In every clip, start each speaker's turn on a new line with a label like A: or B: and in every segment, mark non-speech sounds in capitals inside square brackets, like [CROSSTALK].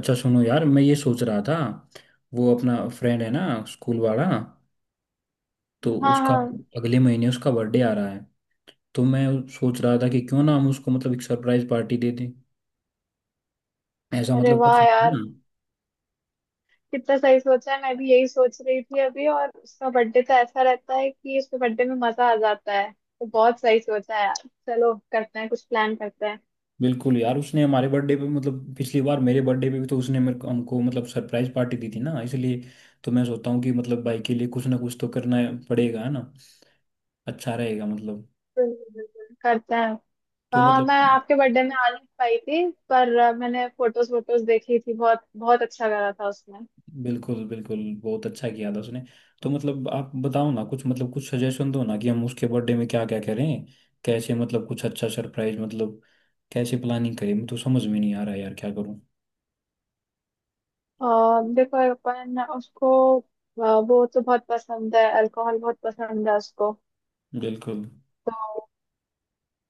A: अच्छा, सुनो यार, मैं ये सोच रहा था। वो अपना फ्रेंड है ना, स्कूल वाला। तो
B: हाँ
A: उसका
B: हाँ।
A: अगले महीने उसका बर्थडे आ रहा है। तो मैं सोच रहा था कि क्यों ना हम उसको मतलब एक सरप्राइज पार्टी दे दें। ऐसा
B: अरे
A: मतलब कर
B: वाह
A: सकते हैं
B: यार,
A: ना।
B: कितना सही सोचा है। मैं भी यही सोच रही थी अभी। और उसका बर्थडे तो ऐसा रहता है कि उसके बर्थडे में मजा आ जाता है, तो बहुत सही सोचा है यार। चलो करते हैं, कुछ प्लान करते हैं।
A: बिल्कुल यार, उसने हमारे बर्थडे पे मतलब पिछली बार मेरे बर्थडे पे भी तो उसने मेरे को हमको मतलब सरप्राइज पार्टी दी थी ना, इसलिए। तो मैं सोचता हूँ कि मतलब भाई के लिए कुछ ना कुछ तो करना पड़ेगा, है ना? अच्छा रहेगा मतलब।
B: बिल्कुल बिल्कुल, करते हैं।
A: तो
B: हाँ,
A: मतलब।
B: मैं आपके बर्थडे में आ नहीं पाई थी, पर मैंने फोटोज वोटोज देखी थी, बहुत बहुत अच्छा लगा था उसमें।
A: बिल्कुल, बिल्कुल। बहुत अच्छा किया था उसने। तो मतलब आप बताओ ना, कुछ मतलब कुछ सजेशन दो ना कि हम उसके बर्थडे में क्या क्या करें। कैसे मतलब कुछ अच्छा सरप्राइज मतलब, कैसे प्लानिंग करें, मुझे तो समझ में नहीं आ रहा यार, क्या करूं।
B: और देखो अपन उसको वो तो बहुत पसंद है, अल्कोहल बहुत पसंद है उसको।
A: बिल्कुल।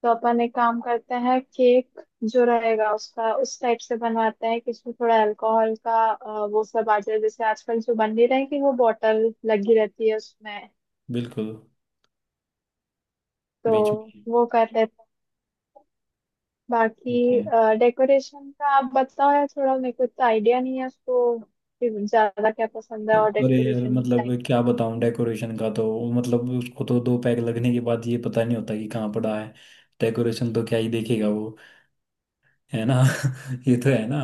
B: तो अपन एक काम करते हैं, केक जो रहेगा उसका उस टाइप से बनवाते हैं कि इसमें थोड़ा अल्कोहल का वो सब आ जाए, जैसे आजकल जो बन नहीं रही कि वो बॉटल लगी रहती है उसमें।
A: बिल्कुल।
B: तो
A: बीच में।
B: वो कर लेते हैं।
A: ठीक है।
B: बाकी डेकोरेशन का आप बताओ यार, थोड़ा मेरे को इतना आइडिया नहीं है उसको कि ज्यादा क्या पसंद है, और
A: अरे यार
B: डेकोरेशन
A: मतलब
B: टाइप।
A: क्या बताऊं, डेकोरेशन का तो मतलब, उसको तो दो पैक लगने के बाद ये पता नहीं होता कि कहाँ पड़ा है। डेकोरेशन तो क्या ही देखेगा वो, है ना? [LAUGHS] ये तो है ना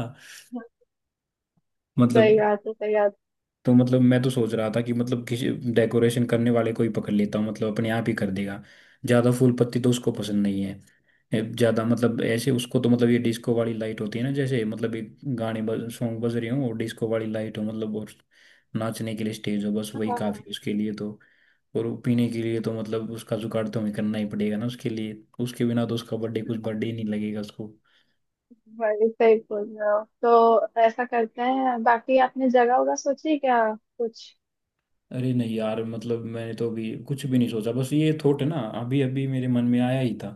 B: सही
A: मतलब।
B: बात है, सही बात
A: तो मतलब मैं तो सोच रहा था कि मतलब किसी डेकोरेशन करने वाले को ही पकड़ लेता हूँ, मतलब अपने आप ही कर देगा। ज़्यादा फूल पत्ती तो उसको पसंद नहीं है ज़्यादा, मतलब ऐसे उसको तो मतलब ये डिस्को वाली लाइट होती है ना, जैसे मतलब एक गाने बज सॉन्ग बज रहे हों और डिस्को वाली लाइट हो मतलब, और नाचने के लिए स्टेज हो, बस
B: है।
A: वही
B: हाँ हाँ।
A: काफ़ी उसके लिए तो। और वो पीने के लिए तो मतलब उसका जुगाड़ तो हमें करना ही पड़ेगा ना, उसके लिए उसके बिना तो उसका बर्थडे कुछ बर्थडे ही नहीं लगेगा उसको।
B: वही सही बोल रहे हो। तो ऐसा करते हैं। बाकी आपने जगह होगा सोची क्या कुछ?
A: अरे नहीं यार, मतलब मैंने तो अभी कुछ भी नहीं सोचा, बस ये थॉट है ना, अभी अभी मेरे मन में आया ही था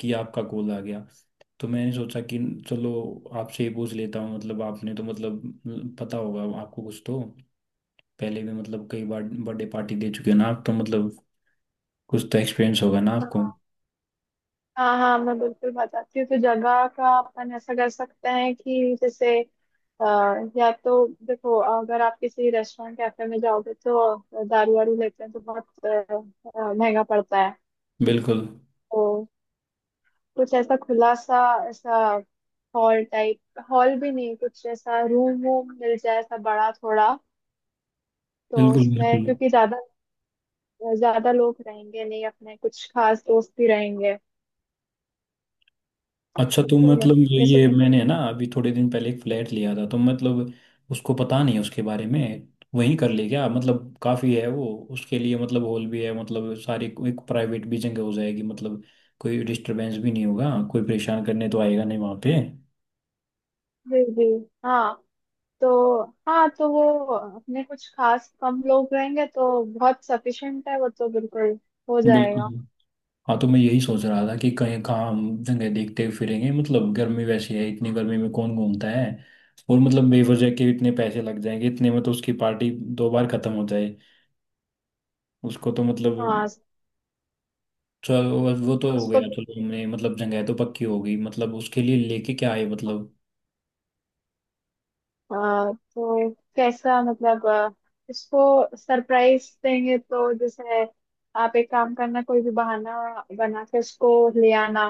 A: कि आपका कॉल आ गया। तो मैंने सोचा कि चलो आपसे ही पूछ लेता हूँ, मतलब आपने तो मतलब पता होगा आपको कुछ तो। पहले भी मतलब कई बार बर्थडे पार्टी दे चुके हैं ना आप, तो मतलब कुछ तो एक्सपीरियंस होगा ना आपको।
B: हाँ हाँ, मैं बिल्कुल बताती हूँ। तो जगह का अपन ऐसा कर सकते हैं कि जैसे अ, या तो देखो, अगर आप किसी रेस्टोरेंट कैफे में जाओगे तो दारू वारू लेते हैं तो बहुत महंगा पड़ता है।
A: बिल्कुल,
B: तो कुछ ऐसा खुला सा, ऐसा हॉल टाइप, हॉल भी नहीं, कुछ ऐसा रूम वूम मिल जाए, ऐसा बड़ा थोड़ा। तो
A: बिल्कुल,
B: उसमें
A: बिल्कुल।
B: क्योंकि ज्यादा ज्यादा लोग रहेंगे नहीं, अपने कुछ खास दोस्त भी रहेंगे,
A: अच्छा तुम
B: तो मैं
A: मतलब,
B: ये
A: ये
B: सोच।
A: मैंने ना अभी थोड़े दिन पहले एक फ्लैट लिया था, तो मतलब उसको पता नहीं उसके बारे में, वहीं कर ले क्या? मतलब काफी है वो उसके लिए, मतलब हॉल भी है, मतलब सारी एक प्राइवेट भी जगह हो जाएगी मतलब, कोई डिस्टरबेंस भी नहीं होगा, कोई परेशान करने तो आएगा नहीं वहां पे।
B: जी जी, हाँ। तो हाँ तो वो अपने कुछ खास कम लोग रहेंगे, तो बहुत सफिशिएंट है, वो तो बिल्कुल हो
A: बिल्कुल।
B: जाएगा।
A: हाँ तो मैं यही सोच रहा था कि कहीं कहाँ हम जगह देखते फिरेंगे, मतलब गर्मी वैसी है, इतनी गर्मी में कौन घूमता है। और मतलब बेवजह के इतने पैसे लग जाएंगे, इतने में तो उसकी पार्टी दो बार खत्म हो जाए उसको तो
B: हाँ।
A: मतलब। चलो वो तो हो
B: उसको
A: गया, चलो हमने मतलब जगह तो पक्की हो गई, मतलब उसके लिए लेके क्या आए मतलब।
B: तो कैसा मतलब उसको सरप्राइज देंगे, तो जैसे आप एक काम करना, कोई भी बहाना बना के उसको ले आना,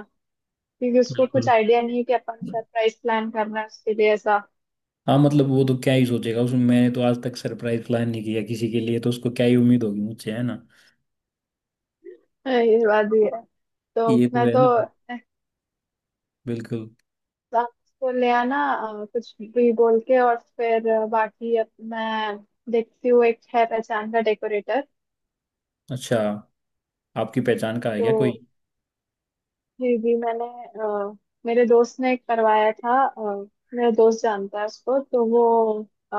B: क्योंकि उसको कुछ
A: बिल्कुल।
B: आइडिया नहीं है कि अपन सरप्राइज प्लान करना है उसके लिए ऐसा।
A: हाँ मतलब वो तो क्या ही सोचेगा उसमें, मैंने तो आज तक सरप्राइज प्लान नहीं किया किसी के लिए, तो उसको क्या ही उम्मीद होगी मुझसे, है ना?
B: ये बात भी है। तो
A: ये तो
B: अपना
A: है
B: तो
A: ना। बिल्कुल।
B: बस को ले आना, कुछ भी बोल के, और फिर बाकी अब मैं देखती हूँ, एक है पहचान का डेकोरेटर।
A: अच्छा, आपकी पहचान का है
B: तो
A: क्या कोई?
B: जी जी, मैंने अ, मेरे दोस्त ने करवाया था, मेरा दोस्त जानता है उसको, तो वो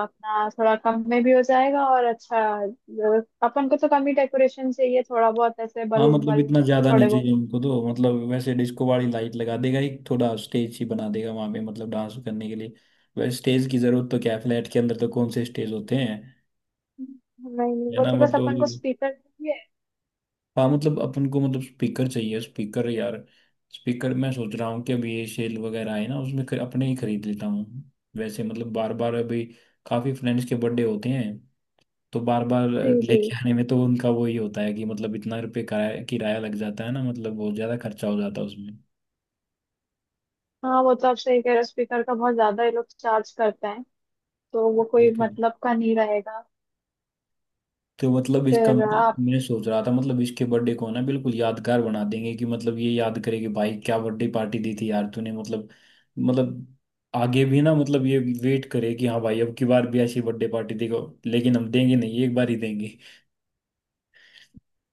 B: अपना थोड़ा कम में भी हो जाएगा, और अच्छा। अपन को तो कम ही डेकोरेशन चाहिए, थोड़ा बहुत ऐसे
A: हाँ
B: बलून
A: मतलब
B: वलून,
A: इतना ज्यादा
B: थोड़े
A: नहीं
B: बहुत।
A: चाहिए उनको तो मतलब, वैसे डिस्को वाली लाइट लगा देगा एक, थोड़ा स्टेज ही बना देगा वहां पे मतलब डांस करने के लिए। वैसे स्टेज की जरूरत तो क्या है, फ्लैट के अंदर तो कौन से स्टेज होते हैं,
B: नहीं नहीं,
A: है
B: वो
A: ना
B: तो बस
A: मतलब।
B: अपन को स्पीकर चाहिए।
A: हाँ मतलब अपन को मतलब स्पीकर चाहिए, स्पीकर यार, स्पीकर। मैं सोच रहा हूँ कि अभी ये सेल वगैरह है ना, उसमें अपने ही खरीद लेता हूँ। वैसे मतलब बार बार अभी काफी फ्रेंड्स के बर्थडे होते हैं, तो बार बार
B: जी जी,
A: लेके आने में तो उनका वो ही होता है कि मतलब इतना रुपये किराया किराया लग जाता है ना, मतलब बहुत ज्यादा खर्चा हो जाता है उसमें।
B: हाँ, वो तो आप सही कह रहे हो। स्पीकर का बहुत ज्यादा ये लोग चार्ज करते हैं, तो वो कोई
A: बिल्कुल।
B: मतलब का नहीं रहेगा।
A: तो मतलब इसका
B: फिर
A: मतलब
B: आप।
A: मैं सोच रहा था, मतलब इसके बर्थडे को ना बिल्कुल यादगार बना देंगे कि मतलब ये याद करे कि भाई क्या बर्थडे पार्टी दी थी यार तूने मतलब आगे भी ना मतलब ये वेट करे कि हाँ भाई अब की बार भी ऐसी बर्थडे पार्टी देगा, लेकिन हम देंगे नहीं, एक बार ही देंगे।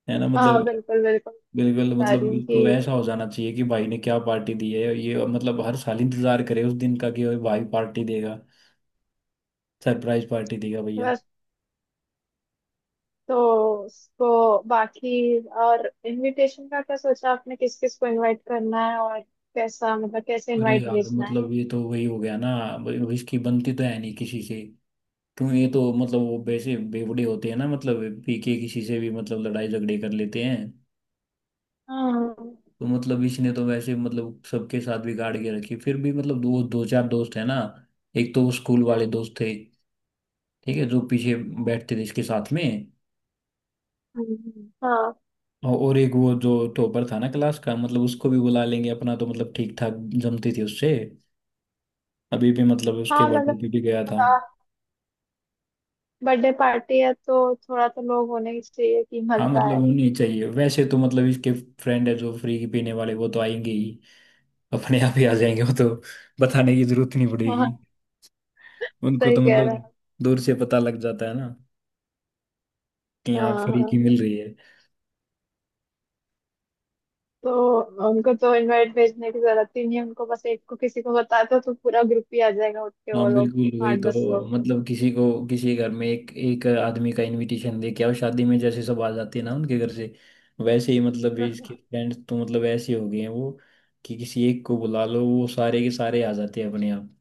A: है ना
B: हाँ
A: मतलब।
B: बिल्कुल बिल्कुल,
A: बिल्कुल
B: बता रही
A: मतलब
B: हूँ
A: इसको
B: कि
A: ऐसा हो जाना चाहिए कि भाई ने क्या पार्टी दी है ये, मतलब हर साल इंतजार करे उस दिन का कि अरे भाई पार्टी देगा, सरप्राइज पार्टी देगा भैया।
B: बस। तो उसको बाकी, और इनविटेशन का क्या सोचा आपने, किस किस को इनवाइट करना है, और कैसा मतलब कैसे
A: अरे
B: इनवाइट
A: यार
B: भेजना है?
A: मतलब ये तो वही हो गया ना, अब इसकी बनती तो है नहीं किसी से। क्यों, ये तो मतलब वो वैसे बेवड़े होते हैं ना, मतलब पी के किसी से भी मतलब लड़ाई झगड़े कर लेते हैं।
B: हाँ।
A: तो मतलब इसने तो वैसे मतलब सबके साथ बिगाड़ के रखी, फिर भी मतलब दो दो चार दोस्त है ना। एक तो वो स्कूल वाले दोस्त थे, ठीक है, जो पीछे बैठते थे इसके साथ में।
B: हाँ।
A: और एक वो जो टॉपर था ना क्लास का, मतलब उसको भी बुला लेंगे, अपना तो मतलब ठीक ठाक जमती थी उससे, अभी भी मतलब उसके
B: हाँ
A: बर्थडे
B: मतलब
A: पे भी गया था।
B: थोड़ा, बर्थडे पार्टी है तो थोड़ा तो लोग होने ही चाहिए कि
A: हाँ
B: मजा
A: मतलब
B: आए।
A: होनी चाहिए वैसे तो मतलब, इसके फ्रेंड है जो फ्री पीने वाले वो तो आएंगे ही, अपने आप ही आ जाएंगे वो तो, बताने की जरूरत नहीं
B: [LAUGHS]
A: पड़ेगी
B: हाँ,
A: उनको
B: सही
A: तो
B: कह रहे
A: मतलब,
B: हैं।
A: दूर से पता लग जाता है ना कि
B: हाँ
A: यहाँ फ्री की
B: हाँ,
A: मिल रही है।
B: तो उनको तो इनवाइट भेजने की जरूरत ही नहीं है, उनको बस एक को किसी को बता दो तो पूरा ग्रुप ही आ जाएगा उठ के
A: हाँ
B: वो लोग,
A: बिल्कुल वही
B: आठ
A: तो।
B: दस लोग।
A: मतलब किसी को किसी घर में एक एक आदमी का इनविटेशन दे के आओ, शादी में जैसे सब आ जाते हैं ना उनके घर से, वैसे ही मतलब ये इसके फ्रेंड्स तो मतलब ऐसे हो गए हैं वो कि किसी एक को बुला लो वो सारे के सारे आ जाते हैं अपने आप।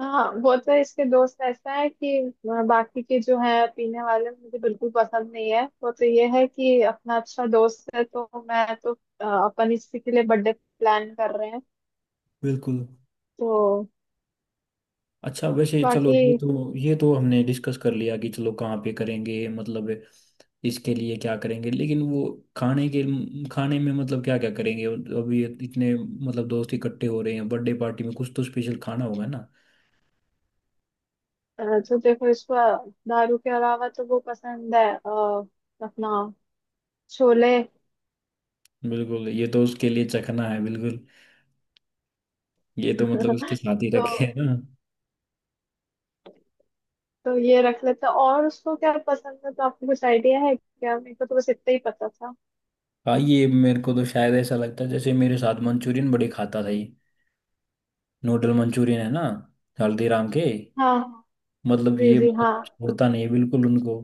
B: हाँ, वो तो इसके दोस्त ऐसा है कि बाकी के जो है पीने वाले मुझे बिल्कुल पसंद नहीं है। वो तो ये है कि अपना अच्छा दोस्त है, तो मैं तो अपन इसी के लिए बर्थडे प्लान कर रहे हैं।
A: बिल्कुल।
B: तो
A: अच्छा वैसे चलो,
B: बाकी
A: ये तो हमने डिस्कस कर लिया कि चलो कहाँ पे करेंगे मतलब, इसके लिए क्या करेंगे, लेकिन वो खाने के खाने में मतलब क्या क्या करेंगे। अभी इतने मतलब दोस्त इकट्ठे हो रहे हैं बर्थडे पार्टी में, कुछ तो स्पेशल खाना होगा ना।
B: अ, तो देखो, इसको दारू के अलावा तो वो पसंद है अपना छोले।
A: बिल्कुल, ये तो उसके लिए चखना है बिल्कुल, ये तो मतलब उसके साथ ही
B: तो
A: रखे है ना।
B: तो ये रख लेते हैं। और उसको क्या पसंद है तो आपको कुछ आइडिया है क्या? मेरे को तो बस इतना ही पता था।
A: हाँ, ये मेरे को तो शायद ऐसा लगता है जैसे मेरे साथ मंचूरियन बड़े खाता था ये, नूडल मंचूरियन है ना, हल्दीराम के।
B: हाँ।
A: मतलब
B: जी
A: ये
B: जी, हाँ।
A: मतलब छोड़ता नहीं है बिल्कुल उनको।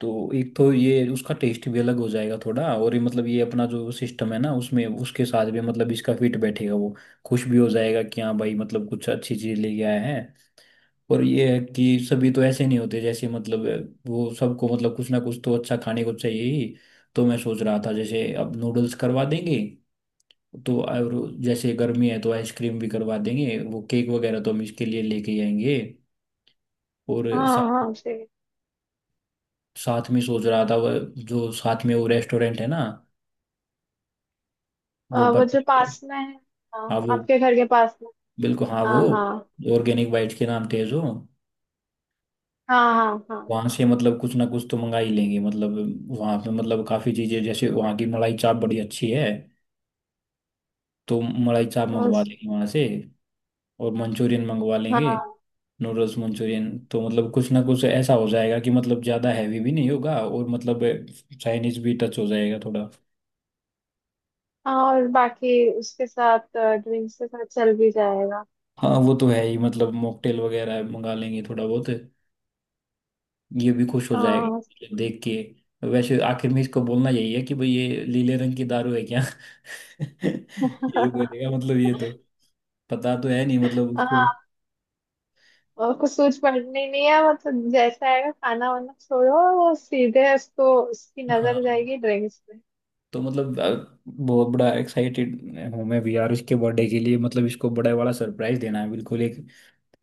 A: तो एक तो ये उसका टेस्ट भी अलग हो जाएगा थोड़ा, और ये मतलब ये अपना जो सिस्टम है ना उसमें उसके साथ भी मतलब इसका फिट बैठेगा वो, खुश भी हो जाएगा कि हाँ भाई मतलब कुछ अच्छी चीज लेके आया है। और ये है कि सभी तो ऐसे नहीं होते जैसे, मतलब वो सबको मतलब कुछ ना कुछ तो अच्छा खाने को चाहिए ही। तो मैं सोच रहा था जैसे अब नूडल्स करवा देंगे तो, और जैसे गर्मी है तो आइसक्रीम भी करवा देंगे, वो केक वगैरह तो हम इसके लिए लेके ही आएंगे। और
B: हाँ
A: साथ,
B: हाँ जी,
A: साथ में सोच रहा था वह जो साथ में वो रेस्टोरेंट है ना, वो
B: वो
A: पत्ते,
B: जो पास में है।
A: हाँ
B: हाँ,
A: वो,
B: आपके घर के पास में।
A: बिल्कुल हाँ वो
B: हाँ हाँ
A: ऑर्गेनिक बाइट के नाम तेज हो,
B: हाँ। हाँ हाँ,
A: वहां से मतलब कुछ ना कुछ तो मंगा ही लेंगे मतलब। वहां पे मतलब काफी चीजें, जैसे वहां की मलाई चाप बड़ी अच्छी है, तो मलाई चाप मंगवा
B: बस,
A: लेंगे वहां से, और मंचूरियन मंगवा लेंगे,
B: हाँ
A: नूडल्स मंचूरियन, तो मतलब कुछ ना कुछ ऐसा हो जाएगा कि मतलब ज्यादा हैवी भी नहीं होगा और मतलब चाइनीज भी टच हो जाएगा थोड़ा।
B: हाँ। और बाकी उसके साथ ड्रिंक्स के साथ चल भी जाएगा।
A: हाँ वो तो है ही, मतलब मॉकटेल वगैरह मंगा लेंगे थोड़ा बहुत, ये भी खुश हो
B: हाँ।
A: जाएगा देख के। वैसे आखिर में इसको बोलना यही है कि भाई ये लीले रंग की दारू है क्या? [LAUGHS] यही
B: [LAUGHS]
A: बोलेगा मतलब, ये तो पता तो है नहीं मतलब उसको।
B: हाँ। और कुछ सोच पड़नी नहीं है, मतलब जैसा आएगा खाना वाना छोड़ो, वो सीधे उसको, उसकी
A: हाँ
B: नजर जाएगी ड्रिंक्स पे।
A: तो मतलब बहुत बड़ा एक्साइटेड हूँ मैं भी यार इसके बर्थडे के लिए, मतलब इसको बड़ा वाला सरप्राइज देना है बिल्कुल एक,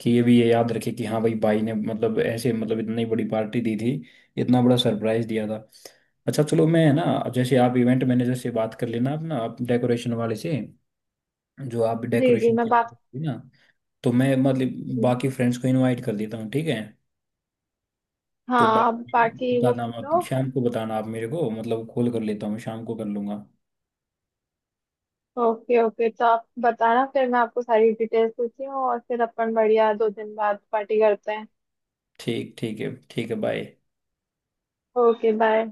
A: कि ये भी ये याद रखे कि हाँ भाई, भाई ने मतलब ऐसे मतलब इतनी बड़ी पार्टी दी थी, इतना बड़ा सरप्राइज दिया था। अच्छा चलो मैं, है ना, जैसे आप इवेंट मैनेजर से बात कर लेना, अपना आप डेकोरेशन वाले से जो आप
B: जी जी,
A: डेकोरेशन
B: मैं
A: के लिए
B: बात।
A: करते हो ना, तो मैं मतलब बाकी फ्रेंड्स को इनवाइट कर देता हूँ, ठीक है?
B: हाँ,
A: तो
B: आप
A: बाकी
B: बाकी वो
A: बताना
B: कर
A: मत,
B: लो।
A: शाम को बताना आप मेरे को, मतलब कॉल कर लेता हूँ शाम को, कर लूँगा।
B: ओके ओके, तो आप बताना, फिर मैं आपको सारी डिटेल्स पूछती हूँ और फिर अपन बढ़िया 2 दिन बाद पार्टी करते हैं।
A: ठीक, ठीक है, ठीक है, बाय।
B: Okay bye.